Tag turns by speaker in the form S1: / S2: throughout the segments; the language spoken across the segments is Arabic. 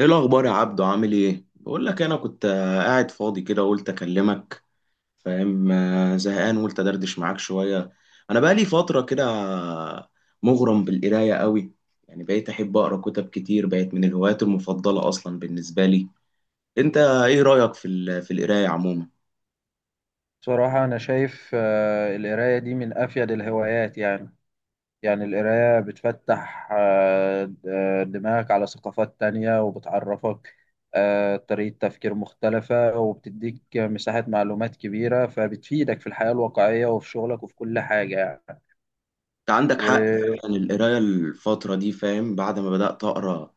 S1: ايه الاخبار يا عبدو؟ عامل ايه؟ بقول لك، انا كنت قاعد فاضي كده قلت اكلمك. فاهم؟ زهقان قلت ادردش معاك شويه. انا بقالي فتره كده، مغرم بالقرايه قوي. يعني بقيت احب اقرا كتب كتير، بقت من الهوايات المفضله اصلا بالنسبه لي. انت ايه رايك في القرايه عموما؟
S2: بصراحة أنا شايف القراية دي من أفيد الهوايات يعني. القراية بتفتح دماغك على ثقافات تانية، وبتعرفك طريقة تفكير مختلفة، وبتديك مساحة معلومات كبيرة، فبتفيدك في الحياة الواقعية وفي شغلك وفي كل حاجة يعني.
S1: انت عندك حق
S2: وأنا
S1: فعلا. القراية الفترة دي، فاهم، بعد ما بدأت أقرأ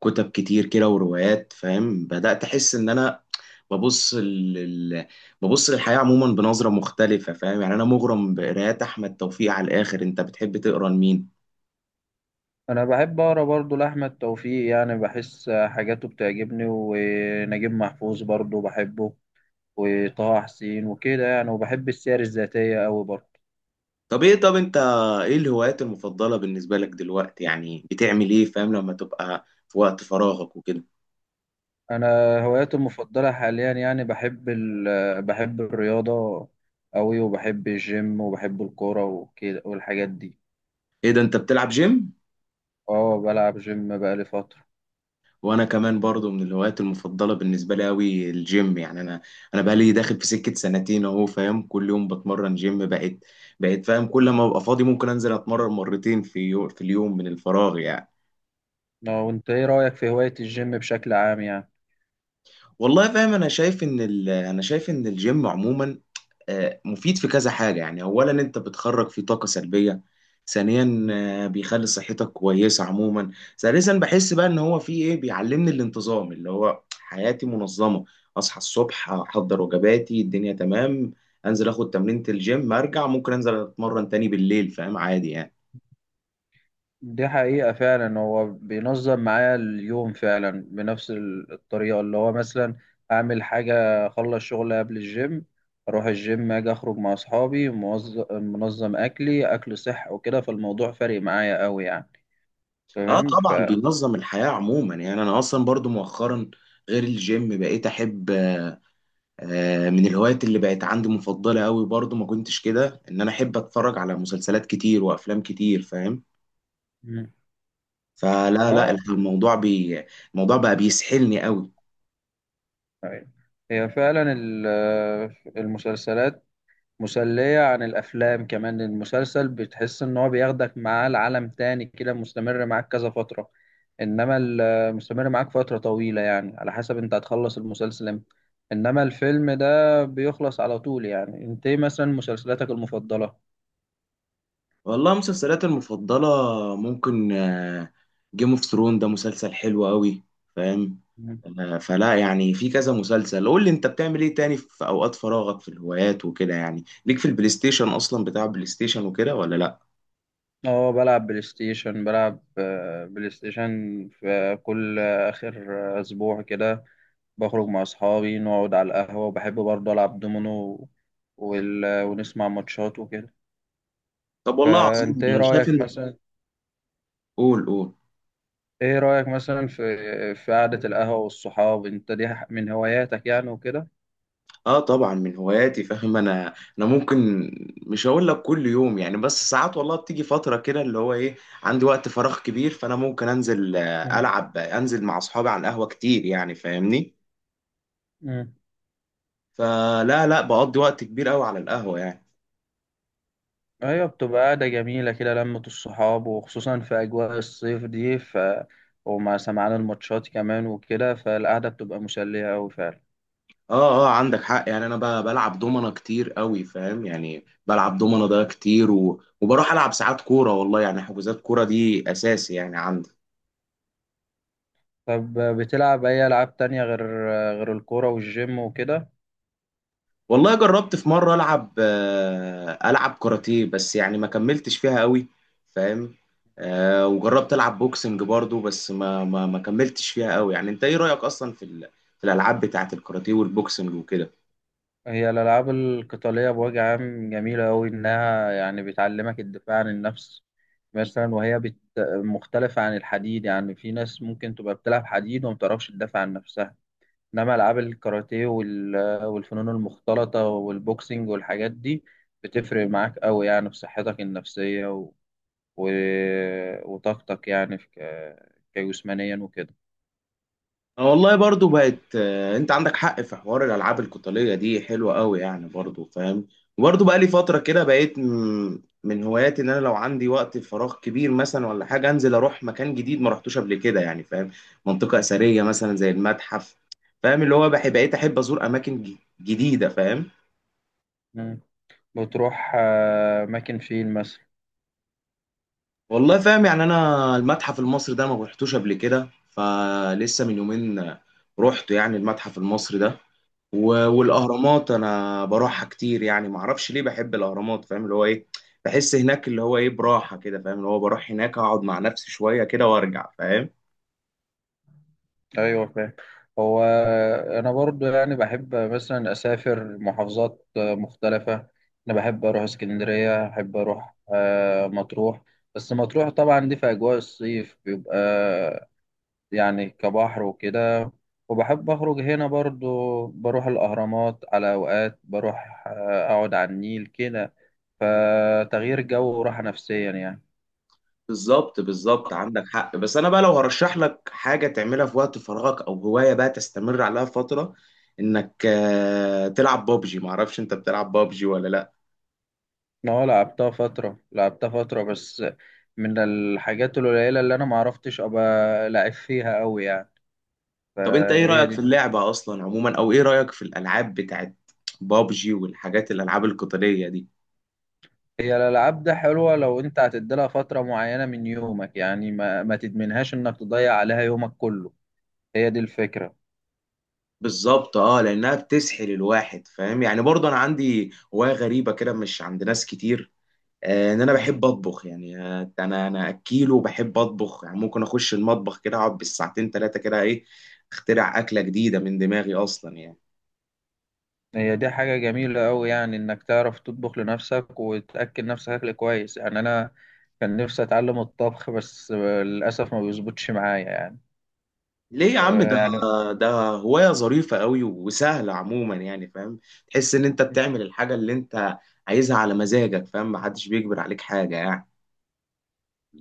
S1: كتب كتير كده وروايات، فاهم، بدأت أحس إن أنا ببص لل... ببص للحياة عموما بنظرة مختلفة، فاهم. يعني أنا مغرم بقرايات أحمد توفيق على الآخر. أنت بتحب تقرأ لمين؟
S2: بحب أقرأ برضه لأحمد توفيق، يعني بحس حاجاته بتعجبني، ونجيب محفوظ برضه بحبه، وطه حسين وكده يعني، وبحب السير الذاتية أوي برضه.
S1: طب إيه، طب أنت إيه الهوايات المفضلة بالنسبة لك دلوقتي؟ يعني بتعمل إيه، فاهم، لما تبقى في وقت فراغك وكده؟
S2: انا هواياتي المفضله حاليا يعني بحب بحب الرياضه قوي، وبحب الجيم وبحب الكوره وكده والحاجات دي.
S1: إيه ده، أنت بتلعب جيم؟
S2: اه، بلعب جيم بقالي فتره.
S1: وانا كمان برضو من الهوايات المفضله بالنسبه لي قوي الجيم. يعني انا بقى لي داخل في سكه سنتين اهو، فاهم، كل يوم بتمرن جيم. بقيت فاهم كل ما ابقى فاضي ممكن انزل اتمرن مرتين في اليوم، من الفراغ يعني.
S2: اه، وانت ايه رايك في هوايه الجيم بشكل عام يعني؟
S1: والله فاهم، انا شايف ان الجيم عموما مفيد في كذا حاجة. يعني أولا أنت بتخرج فيه طاقة سلبية. ثانيا، بيخلي صحتك كويسة عموما. ثالثا، بحس بقى إن هو فيه إيه، بيعلمني الانتظام، اللي هو حياتي منظمة. أصحى الصبح، أحضر وجباتي، الدنيا تمام، أنزل آخد تمرينة الجيم، أرجع ممكن أنزل أتمرن تاني بالليل، فاهم، عادي يعني.
S2: دي حقيقه فعلا، هو بينظم معايا اليوم فعلا بنفس الطريقه. اللي هو مثلا اعمل حاجه، اخلص شغل قبل الجيم، اروح الجيم، اجي اخرج مع اصحابي، منظم اكلي، اكل صح وكده، فالموضوع فارق معايا قوي يعني.
S1: اه
S2: تمام.
S1: طبعا بينظم الحياة عموما. يعني انا اصلا برضو مؤخرا غير الجيم بقيت احب من الهوايات اللي بقت عندي مفضلة قوي برضو، ما كنتش كده، ان انا احب اتفرج على مسلسلات كتير وافلام كتير، فاهم.
S2: مم.
S1: فلا لا،
S2: اه.
S1: الموضوع بقى بيسحلني قوي.
S2: أيوة. هي فعلا المسلسلات مسلية عن الأفلام. كمان المسلسل بتحس إن هو بياخدك معاه لعالم تاني كده، مستمر معاك كذا فترة. إنما مستمر معاك فترة طويلة، يعني على حسب أنت هتخلص المسلسل إمتى. إنما الفيلم ده بيخلص على طول. يعني أنت إيه مثلا مسلسلاتك المفضلة؟
S1: والله مسلسلاتي المفضلة، ممكن جيم اوف ثرون، ده مسلسل حلو قوي، فاهم.
S2: مم.
S1: فلا يعني في كذا مسلسل. قول لي انت بتعمل ايه تاني في اوقات فراغك، في الهوايات وكده. يعني ليك في البلاي ستيشن اصلا؟ بتاع بلاي ستيشن وكده ولا لا؟
S2: اه، بلعب بلاي ستيشن، بلعب بلاي ستيشن في كل آخر أسبوع كده. بخرج مع أصحابي، نقعد على القهوة، وبحب برضه ألعب دومينو ونسمع ماتشات وكده.
S1: طب والله عظيم.
S2: فأنت إيه
S1: انا شايف
S2: رأيك
S1: ان...
S2: مثلا
S1: قول قول.
S2: إيه رأيك مثلا في قعدة القهوة والصحاب، أنت من هواياتك يعني وكده؟
S1: اه طبعا من هواياتي، فاهم. انا ممكن. مش هقول لك كل يوم يعني، بس ساعات والله بتيجي فتره كده اللي هو ايه، عندي وقت فراغ كبير، فانا ممكن انزل
S2: مم.
S1: العب، انزل مع اصحابي على القهوه كتير يعني، فاهمني.
S2: مم.
S1: فلا لا بقضي وقت كبير قوي على القهوه يعني.
S2: أيوة، بتبقى قعدة جميلة كده، لمة الصحاب، وخصوصا في أجواء الصيف دي. ومع سمعان الماتشات كمان وكده، فالقعدة بتبقى مسلية أوي فعلا.
S1: اه اه عندك حق. يعني انا بلعب دومنه كتير قوي، فاهم. يعني بلعب دومنه ده كتير، وبروح العب ساعات كوره، والله يعني حجوزات كوره دي اساسي يعني عندي.
S2: طب بتلعب أي ألعاب تانية غير الكورة والجيم وكده؟
S1: والله جربت في مرة ألعب ألعب كاراتيه، بس يعني ما كملتش فيها قوي، فاهم. وجربت ألعب بوكسنج برضو بس ما كملتش فيها قوي يعني. أنت إيه رأيك أصلا في الألعاب بتاعة الكاراتيه والبوكسنج وكده؟
S2: هي الألعاب القتالية بوجه عام جميلة أوي، إنها يعني بتعلمك الدفاع عن النفس مثلا. مختلفة عن الحديد، يعني في ناس ممكن تبقى بتلعب حديد وما بتعرفش تدافع عن نفسها. إنما ألعاب الكاراتيه والفنون المختلطة والبوكسينج والحاجات دي بتفرق معاك أوي يعني في صحتك النفسية و... وطاقتك يعني في كجسمانيا وكده.
S1: آه والله برضو بقت، انت عندك حق في حوار الالعاب القتاليه دي، حلوه قوي يعني برضو، فاهم. وبرضو بقى لي فتره كده بقيت من هواياتي ان انا لو عندي وقت فراغ كبير مثلا ولا حاجه انزل اروح مكان جديد ما رحتوش قبل كده، يعني فاهم، منطقه اثريه مثلا زي المتحف، فاهم. اللي هو بحب، بقيت احب ازور اماكن جديده، فاهم.
S2: مم. بتروح أماكن فين مثلا؟
S1: والله فاهم، يعني انا المتحف المصري ده ما رحتوش قبل كده. فلسه من يومين رحت يعني المتحف المصري ده، والاهرامات انا بروحها كتير يعني ما اعرفش ليه بحب الاهرامات، فاهم. اللي هو ايه، بحس هناك اللي هو ايه براحه كده، فاهم. اللي هو بروح هناك اقعد مع نفسي شويه كده وارجع، فاهم.
S2: ايوه فاهم. هو انا برضو يعني بحب مثلا اسافر محافظات مختلفه. انا بحب اروح اسكندريه، بحب اروح مطروح. بس مطروح طبعا دي في اجواء الصيف بيبقى يعني كبحر وكده. وبحب اخرج هنا برضو، بروح الاهرامات على اوقات، بروح اقعد على النيل كده. فتغيير جو وراحه نفسيا يعني.
S1: بالظبط بالظبط عندك حق. بس انا بقى لو هرشح لك حاجه تعملها في وقت فراغك او هوايه بقى تستمر عليها فتره، انك تلعب بابجي. ما اعرفش انت بتلعب بابجي ولا لا؟
S2: ما هو لعبتها فترة، لعبتها فترة، بس من الحاجات القليلة اللي أنا معرفتش أبقى لعب فيها أوي يعني،
S1: طب انت ايه
S2: فهي
S1: رايك في
S2: دي.
S1: اللعبه اصلا عموما، او ايه رايك في الالعاب بتاعت بابجي والحاجات الالعاب القتاليه دي؟
S2: هي الألعاب ده حلوة لو أنت هتديلها فترة معينة من يومك، يعني ما تدمنهاش إنك تضيع عليها يومك كله. هي دي الفكرة.
S1: بالظبط اه، لانها بتسحل الواحد، فاهم. يعني برضه انا عندي هوايه غريبه كده مش عند ناس كتير، ان انا
S2: مم.
S1: بحب اطبخ يعني. انا اكيل وبحب اطبخ. يعني ممكن اخش المطبخ كده اقعد بالساعتين ثلاثه كده، ايه، اخترع اكله جديده من دماغي اصلا يعني.
S2: هي دي حاجة جميلة أوي، يعني إنك تعرف تطبخ لنفسك وتأكل نفسك أكل كويس. يعني أنا كان نفسي أتعلم الطبخ، بس للأسف ما بيظبطش معايا يعني.
S1: ليه يا عم؟ ده
S2: يعني
S1: ده هوايه ظريفه قوي وسهله عموما يعني، فاهم. تحس ان انت بتعمل الحاجه اللي انت عايزها على مزاجك، فاهم، محدش بيجبر عليك حاجه يعني.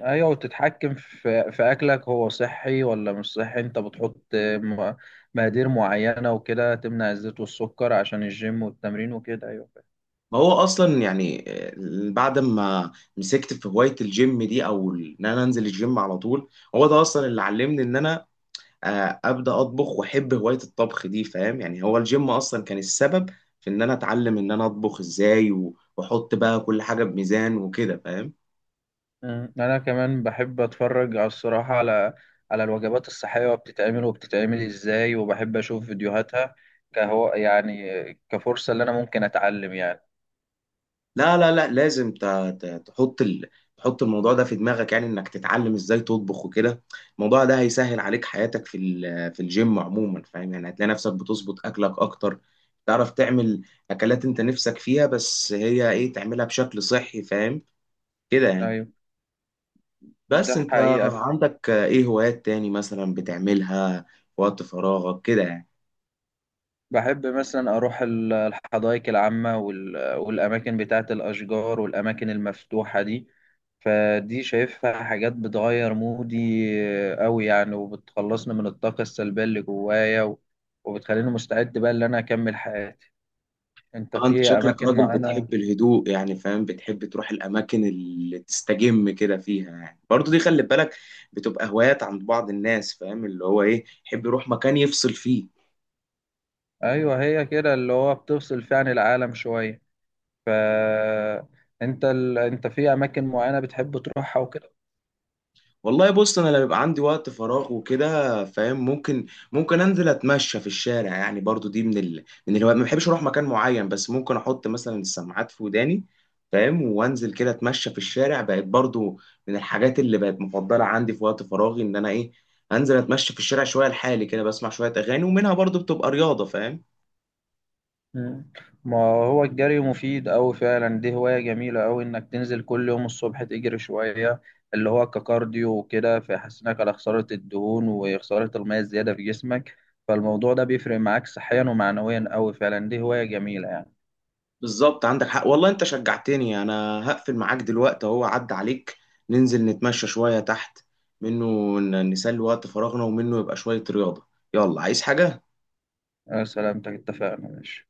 S2: ايوه، وتتحكم في اكلك، هو صحي ولا مش صحي. انت بتحط مقادير معينه وكده، تمنع الزيت والسكر عشان الجيم والتمرين وكده. ايوه فاهم.
S1: ما هو اصلا يعني، بعد ما مسكت في هوايه الجيم دي او ان انا انزل الجيم على طول، هو ده اصلا اللي علمني ان انا ابدا اطبخ واحب هوايه الطبخ دي، فاهم. يعني هو الجيم اصلا كان السبب في ان انا اتعلم ان انا اطبخ ازاي، واحط بقى كل حاجه بميزان وكده، فاهم.
S2: انا كمان بحب اتفرج على الصراحه، على الوجبات الصحيه، وبتتعمل ازاي، وبحب اشوف فيديوهاتها كهو يعني، كفرصه اللي انا ممكن اتعلم يعني.
S1: لا لا لا لازم تحط الموضوع ده في دماغك، يعني انك تتعلم ازاي تطبخ وكده. الموضوع ده هيسهل عليك حياتك في الجيم عموما، فاهم. يعني هتلاقي نفسك بتظبط اكلك اكتر، تعرف تعمل اكلات انت نفسك فيها، بس هي ايه تعملها بشكل صحي، فاهم، كده يعني.
S2: ايوه،
S1: بس
S2: ده
S1: انت
S2: حقيقه.
S1: عندك ايه هوايات تاني مثلا بتعملها في وقت فراغك كده يعني؟
S2: بحب مثلا أروح الحدائق العامة والأماكن بتاعة الأشجار والأماكن المفتوحة دي. فدي شايفها حاجات بتغير مودي أوي يعني، وبتخلصني من الطاقة السلبية اللي جوايا وبتخليني مستعد بقى إن أنا أكمل حياتي. أنت
S1: اه انت
S2: في
S1: شكلك
S2: أماكن
S1: راجل بتحب
S2: معينة؟
S1: الهدوء يعني، فاهم. بتحب تروح الاماكن اللي تستجم كده فيها يعني. برضو دي خلي بالك، بتبقى هوايات عند بعض الناس، فاهم، اللي هو ايه، يحب يروح مكان يفصل فيه.
S2: أيوه، هي كده اللي هو بتفصل فيها عن العالم شوية. ف أنت في أماكن معينة بتحب تروحها وكده؟
S1: والله بص انا لما بيبقى عندي وقت فراغ وكده، فاهم، ممكن انزل اتمشى في الشارع. يعني برضو دي من الهوايات، ما بحبش اروح مكان معين، بس ممكن احط مثلا السماعات في وداني، فاهم، وانزل كده اتمشى في الشارع، بقت برضو من الحاجات اللي بقت مفضلة عندي في وقت فراغي ان انا ايه، انزل اتمشى في الشارع شوية لحالي كده، بسمع شوية اغاني، ومنها برضو بتبقى رياضة، فاهم.
S2: مم. ما هو الجري مفيد أوي فعلا، دي هواية جميلة أوي إنك تنزل كل يوم الصبح تجري شوية، اللي هو ككارديو وكده، فيحسنك على خسارة الدهون وخسارة المية الزيادة في جسمك. فالموضوع ده بيفرق معاك صحيا ومعنويا أوي فعلا، دي هواية جميلة يعني.
S1: بالظبط عندك حق والله، انت شجعتني. انا هقفل معاك دلوقتي اهو، عدى عليك، ننزل نتمشى شوية تحت منه، نسلي وقت فراغنا، ومنه يبقى شوية رياضة. يلا، عايز حاجة؟
S2: أنا سلامتك، اتفقنا، ماشي.